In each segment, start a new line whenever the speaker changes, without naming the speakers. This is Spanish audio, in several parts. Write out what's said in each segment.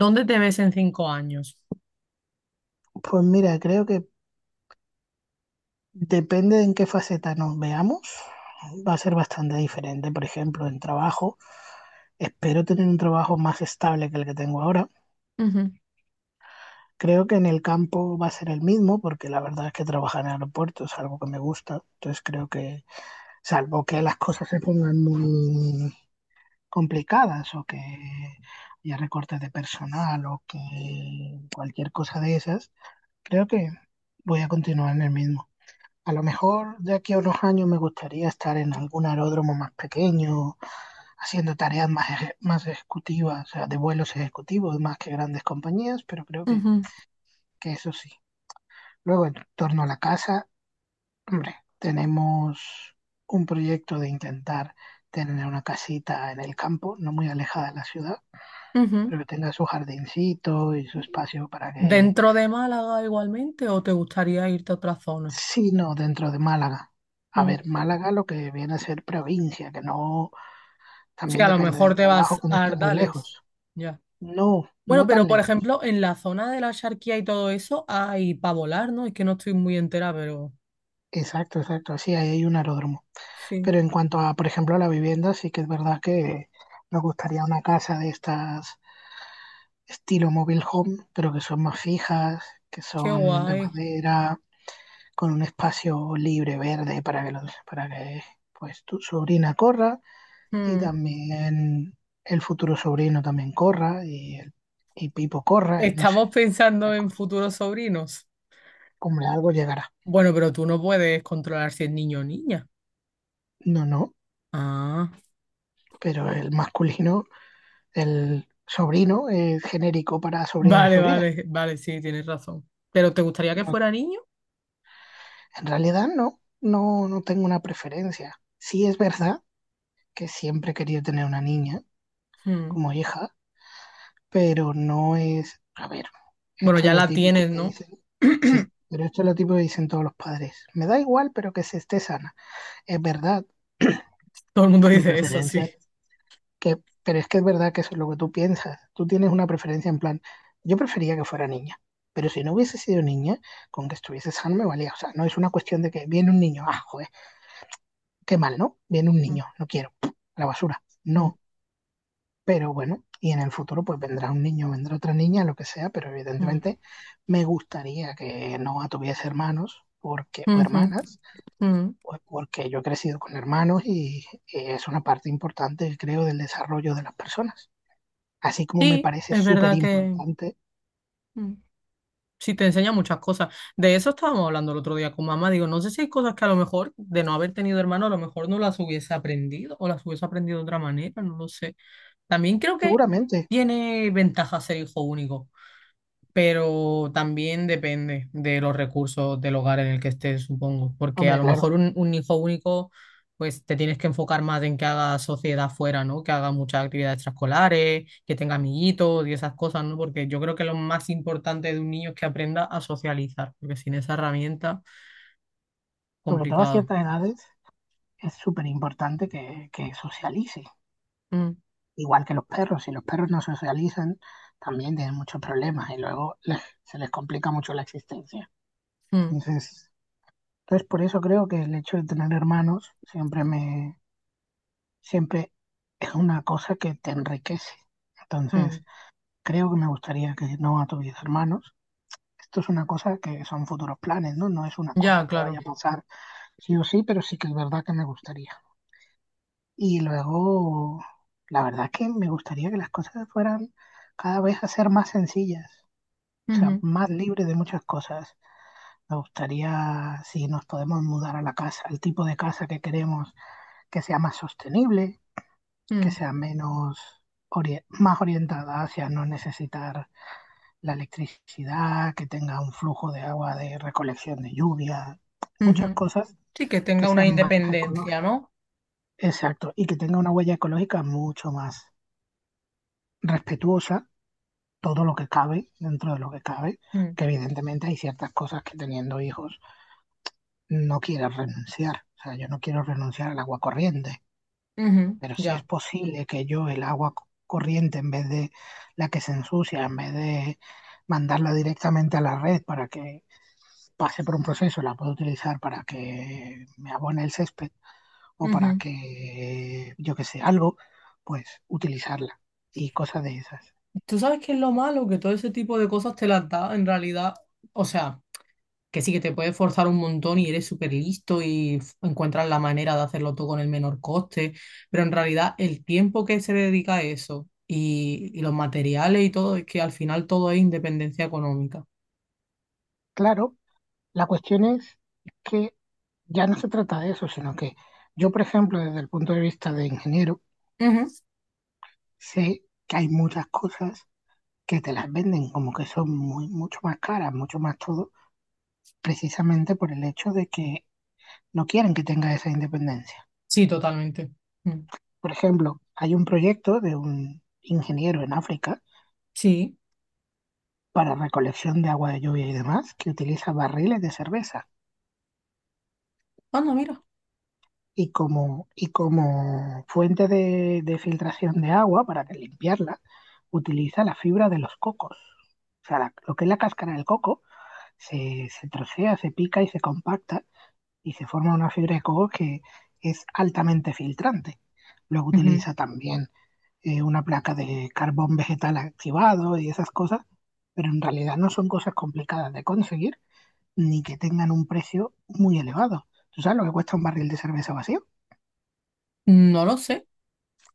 ¿Dónde te ves en 5 años?
Pues mira, creo que depende de en qué faceta nos veamos, va a ser bastante diferente. Por ejemplo, en trabajo, espero tener un trabajo más estable que el que tengo ahora.
Ujú,
Creo que en el campo va a ser el mismo, porque la verdad es que trabajar en aeropuertos es algo que me gusta. Entonces creo que, salvo que las cosas se pongan muy complicadas o que haya recortes de personal o que cualquier cosa de esas, creo que voy a continuar en el mismo. A lo mejor de aquí a unos años me gustaría estar en algún aeródromo más pequeño, haciendo tareas más ejecutivas, o sea, de vuelos ejecutivos más que grandes compañías, pero creo
ujú,
que eso sí. Luego, en torno a la casa, hombre, tenemos un proyecto de intentar tener una casita en el campo, no muy alejada de la ciudad,
ujú.
pero que tenga su jardincito y su espacio para que,
¿Dentro de Málaga igualmente o te gustaría irte a otra zona?
si no dentro de Málaga. A
Mm.
ver, Málaga lo que viene a ser provincia, que no.
Sí,
También
a lo
depende
mejor
del
te
trabajo,
vas
que no
a
esté muy
Ardales.
lejos.
Ya.
No,
Bueno,
no
pero
tan
por
lejos.
ejemplo, en la zona de la Axarquía y todo eso hay para volar, ¿no? Es que no estoy muy entera, pero
Exacto, exacto. Sí, ahí hay un aeródromo.
sí,
Pero en cuanto a, por ejemplo, a la vivienda, sí que es verdad que nos gustaría una casa de estas estilo mobile home, pero que son más fijas, que
qué
son de
guay.
madera, con un espacio libre, verde, para que pues tu sobrina corra y
Mm.
también el futuro sobrino también corra y Pipo corra y no sé,
Estamos pensando
la
en
cosa.
futuros sobrinos.
Hombre, algo llegará.
Bueno, pero tú no puedes controlar si es niño o niña.
No, no,
Ah,
pero el masculino, el sobrino es genérico para sobrino y
vale,
sobrina.
vale, vale, sí, tienes razón. ¿Pero te gustaría que
No,
fuera niño?
en realidad no, no, no tengo una preferencia. Sí es verdad que siempre quería tener una niña
Mm.
como hija, pero no es, a ver,
Bueno,
esto es
ya
lo
la
típico
tienes,
que
¿no?
dicen, sí, pero esto es lo típico que dicen todos los padres. Me da igual, pero que se esté sana. Es verdad,
Todo el mundo
mi
dice eso, sí.
preferencia que, pero es que es verdad que eso es lo que tú piensas. Tú tienes una preferencia en plan, yo prefería que fuera niña, pero si no hubiese sido niña, con que estuviese sano me valía. O sea, no es una cuestión de que viene un niño, ah, joder, qué mal, ¿no? Viene un
Mm,
niño, no quiero, a la basura,
mm,
no. Pero bueno, y en el futuro pues vendrá un niño, vendrá otra niña, lo que sea, pero
mm,
evidentemente me gustaría que no tuviese hermanos porque, o
mm, mm,
hermanas,
mm.
pues porque yo he crecido con hermanos y es una parte importante, creo, del desarrollo de las personas así como me
Sí,
parece
es
súper
verdad que
importante,
mm, sí te enseña muchas cosas. De eso estábamos hablando el otro día con mamá. Digo, no sé si hay cosas que a lo mejor de no haber tenido hermano, a lo mejor no las hubiese aprendido o las hubiese aprendido de otra manera, no lo sé. También creo que
seguramente,
tiene ventaja ser hijo único. Pero también depende de los recursos del hogar en el que estés, supongo, porque a
hombre,
lo mejor
claro,
un hijo único, pues te tienes que enfocar más en que haga sociedad fuera, ¿no? Que haga muchas actividades extraescolares, que tenga amiguitos y esas cosas, ¿no? Porque yo creo que lo más importante de un niño es que aprenda a socializar, porque sin esa herramienta,
sobre todo a
complicado.
ciertas edades, es súper importante que socialice,
Mm,
igual que los perros, si los perros no socializan, también tienen muchos problemas y luego se les complica mucho la existencia.
mm,
Entonces, entonces, por eso creo que el hecho de tener hermanos siempre es una cosa que te enriquece. Entonces,
mm.
creo que me gustaría que no tuviese hermanos. Esto es una cosa que son futuros planes, ¿no? No es una
Ya,
cosa que vaya a
claro.
pasar sí o sí, pero sí que es verdad que me gustaría. Y luego, la verdad que me gustaría que las cosas fueran cada vez a ser más sencillas, o sea,
Ujú,
más libres de muchas cosas. Me gustaría si nos podemos mudar a la casa, el tipo de casa que queremos que sea más sostenible, que
mm,
sea más orientada hacia no necesitar la electricidad, que tenga un flujo de agua de recolección de lluvia, muchas
ujú.
cosas
Sí, que
que
tenga una
sean más ecológicas.
independencia, ¿no?
Exacto, y que tenga una huella ecológica mucho más respetuosa, todo lo que cabe, dentro de lo que cabe,
Mm,
que evidentemente hay ciertas cosas que teniendo hijos no quieres renunciar. O sea, yo no quiero renunciar al agua corriente,
ujú,
pero si es
ya.
posible que yo el agua corriente, en vez de la que se ensucia, en vez de mandarla directamente a la red para que pase por un proceso, la puedo utilizar para que me abone el césped o para
Ujú.
que, yo que sé, algo, pues utilizarla y cosas de esas.
Tú sabes que es lo malo, que todo ese tipo de cosas te las da en realidad. O sea, que sí que te puedes forzar un montón y eres súper listo y encuentras la manera de hacerlo todo con el menor coste, pero en realidad el tiempo que se le dedica a eso y los materiales y todo, es que al final todo es independencia económica.
Claro, la cuestión es que ya no se trata de eso, sino que yo, por ejemplo, desde el punto de vista de ingeniero,
Ujú.
sé que hay muchas cosas que te las venden como que son muy, mucho más caras, mucho más todo, precisamente por el hecho de que no quieren que tenga esa independencia.
Sí, totalmente. Mm.
Por ejemplo, hay un proyecto de un ingeniero en África
Sí.
para recolección de agua de lluvia y demás que utiliza barriles de cerveza
Anda, mira.
y como fuente de filtración de agua para que limpiarla utiliza la fibra de los cocos. O sea, lo que es la cáscara del coco se trocea, se pica y se compacta y se forma una fibra de coco que es altamente filtrante. Luego
Ujú.
utiliza también una placa de carbón vegetal activado y esas cosas, pero en realidad no son cosas complicadas de conseguir ni que tengan un precio muy elevado. ¿Tú sabes lo que cuesta un barril de cerveza vacío?
No lo sé.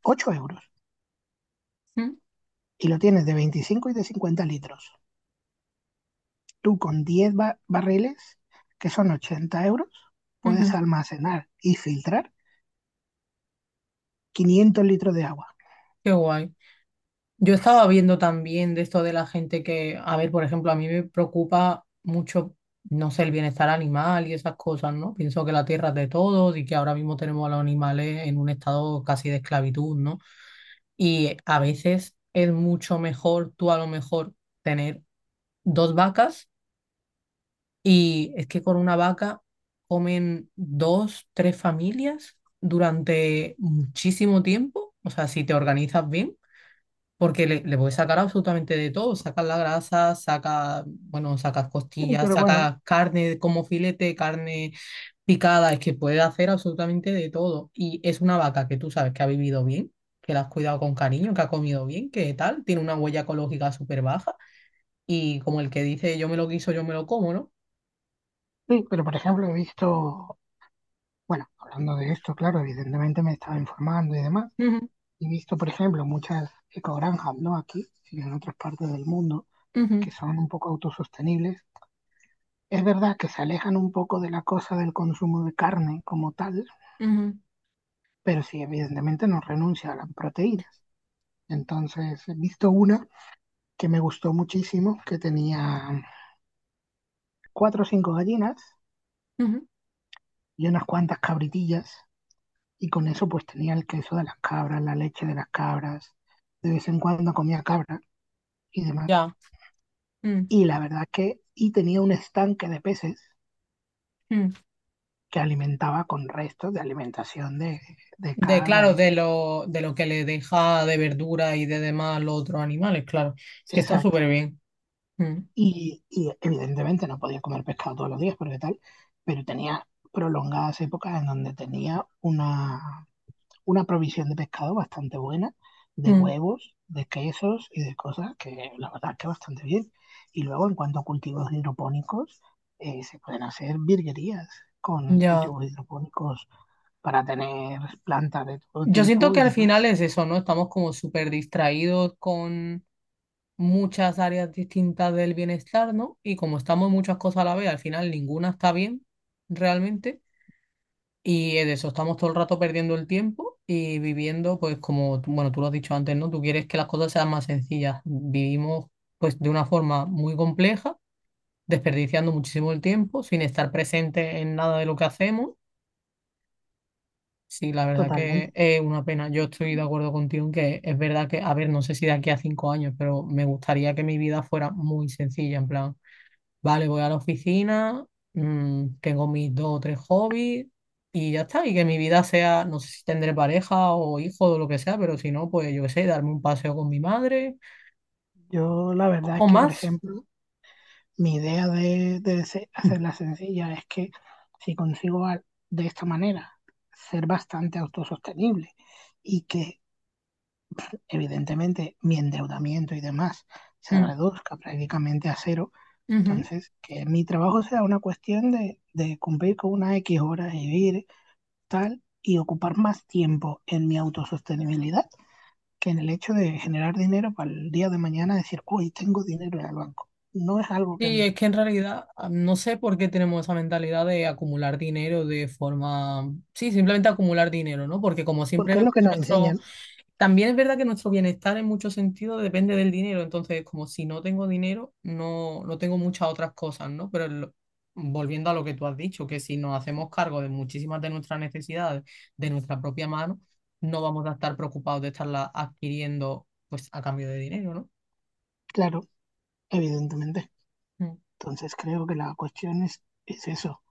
8 euros.
Mm.
Y lo tienes de 25 y de 50 litros. Tú con 10 barriles, que son 80 euros, puedes
Ujú.
almacenar y filtrar 500 litros de agua.
Qué guay. Yo estaba viendo también de esto de la gente que, a ver, por ejemplo, a mí me preocupa mucho, no sé, el bienestar animal y esas cosas, ¿no? Pienso que la tierra es de todos y que ahora mismo tenemos a los animales en un estado casi de esclavitud, ¿no? Y a veces es mucho mejor tú a lo mejor tener dos vacas, y es que con una vaca comen dos, tres familias durante muchísimo tiempo, o sea, si te organizas bien, porque le puedes sacar absolutamente de todo, sacas la grasa, bueno, sacas
Sí,
costillas,
pero bueno,
sacas carne como filete, carne picada, es que puedes hacer absolutamente de todo. Y es una vaca que tú sabes que ha vivido bien, que la has cuidado con cariño, que ha comido bien, que tal, tiene una huella ecológica súper baja. Y como el que dice, yo me lo quiso, yo me lo como, ¿no?
sí, pero por ejemplo he visto, bueno, hablando de esto, claro, evidentemente me estaba informando y demás.
Ujú,
He visto, por ejemplo, muchas ecogranjas, no aquí, sino en otras partes del mundo, que
ujú,
son un poco autosostenibles. Es verdad que se alejan un poco de la cosa del consumo de carne como tal,
ujú,
pero sí, evidentemente no renuncia a las proteínas. Entonces, he visto una que me gustó muchísimo, que tenía cuatro o cinco gallinas
ujú.
y unas cuantas cabritillas, y con eso pues tenía el queso de las cabras, la leche de las cabras, de vez en cuando comía cabra y demás.
Ya. Mm,
Y la verdad que y tenía un estanque de peces
mm.
que alimentaba con restos de alimentación de cabra
Claro,
y de...
de lo, que le deja de verdura y de demás los otros animales, claro. Es que está
Exacto.
súper bien. Mm,
Y evidentemente no podía comer pescado todos los días porque tal, pero tenía prolongadas épocas en donde tenía una provisión de pescado bastante buena, de
mm,
huevos, de quesos y de cosas que la verdad que bastante bien. Y luego en cuanto a cultivos hidropónicos, se pueden hacer virguerías con
ya.
cultivos hidropónicos para tener plantas de todo
Yo siento
tipo
que
y
al final
demás.
es eso, ¿no? Estamos como súper distraídos con muchas áreas distintas del bienestar, ¿no? Y como estamos en muchas cosas a la vez, al final ninguna está bien realmente. Y es eso, estamos todo el rato perdiendo el tiempo y viviendo, pues como, bueno, tú lo has dicho antes, ¿no? Tú quieres que las cosas sean más sencillas. Vivimos, pues, de una forma muy compleja, desperdiciando muchísimo el tiempo, sin estar presente en nada de lo que hacemos. Sí, la verdad
Totalmente.
que es una pena. Yo estoy de acuerdo contigo en que es verdad que, a ver, no sé si de aquí a 5 años, pero me gustaría que mi vida fuera muy sencilla, en plan, vale, voy a la oficina, tengo mis dos o tres hobbies y ya está, y que mi vida sea, no sé si tendré pareja o hijo o lo que sea, pero si no, pues yo qué sé, darme un paseo con mi madre
Yo la
o
verdad es
con
que, por
más.
ejemplo, mi idea de hacerla sencilla es que si consigo de esta manera ser bastante autosostenible y que evidentemente mi endeudamiento y demás se reduzca prácticamente a cero,
Mm, ujú.
entonces que mi trabajo sea una cuestión de cumplir con unas X horas y vivir tal y ocupar más tiempo en mi autosostenibilidad que en el hecho de generar dinero para el día de mañana decir, hoy tengo dinero en el banco. No es algo que...
Sí,
no.
es que en realidad, ah, no sé por qué tenemos esa mentalidad de acumular dinero, de forma, sí, simplemente acumular dinero, ¿no? Porque como siempre
Porque es
vemos
lo que
que
nos
nuestro,
enseñan,
también es verdad que nuestro bienestar en muchos sentidos depende del dinero, entonces como si no tengo dinero, no, no tengo muchas otras cosas, ¿no? Pero volviendo a lo que tú has dicho, que si nos hacemos cargo de muchísimas de nuestras necesidades de nuestra propia mano, no vamos a estar preocupados de estarlas adquiriendo, pues, a cambio de dinero,
claro, evidentemente.
¿no? Mm.
Entonces creo que la cuestión es eso,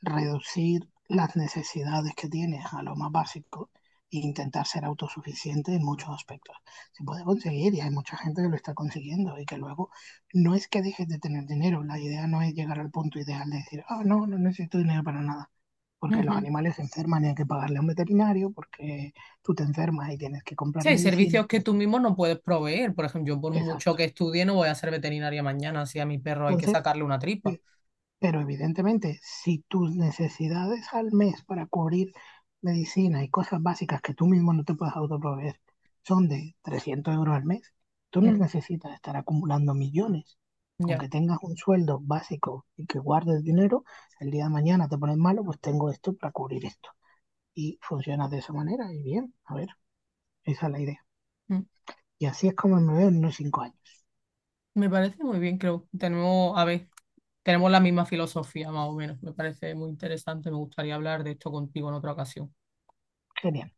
reducir las necesidades que tienes a lo más básico e intentar ser autosuficiente en muchos aspectos. Se puede conseguir y hay mucha gente que lo está consiguiendo y que luego no es que dejes de tener dinero, la idea no es llegar al punto ideal de decir, ah, oh, no, no necesito dinero para nada, porque los animales se enferman y hay que pagarle a un veterinario, porque tú te enfermas y tienes que
Sí,
comprar
hay
medicina.
servicios que tú mismo no puedes proveer. Por ejemplo, yo por mucho que
Exacto.
estudie no voy a ser veterinaria mañana si a mi perro hay que
Entonces.
sacarle una tripa.
Pero evidentemente, si tus necesidades al mes para cubrir medicina y cosas básicas que tú mismo no te puedes autoproveer son de 300 euros al mes, tú no
Mm,
necesitas estar acumulando millones. Con
ya.
que tengas un sueldo básico y que guardes dinero, el día de mañana te pones malo, pues tengo esto para cubrir esto. Y funciona de esa manera y bien, a ver, esa es la idea.
Mm.
Y así es como me veo en unos 5 años.
Me parece muy bien, creo. A ver, tenemos la misma filosofía, más o menos. Me parece muy interesante. Me gustaría hablar de esto contigo en otra ocasión.
Genial.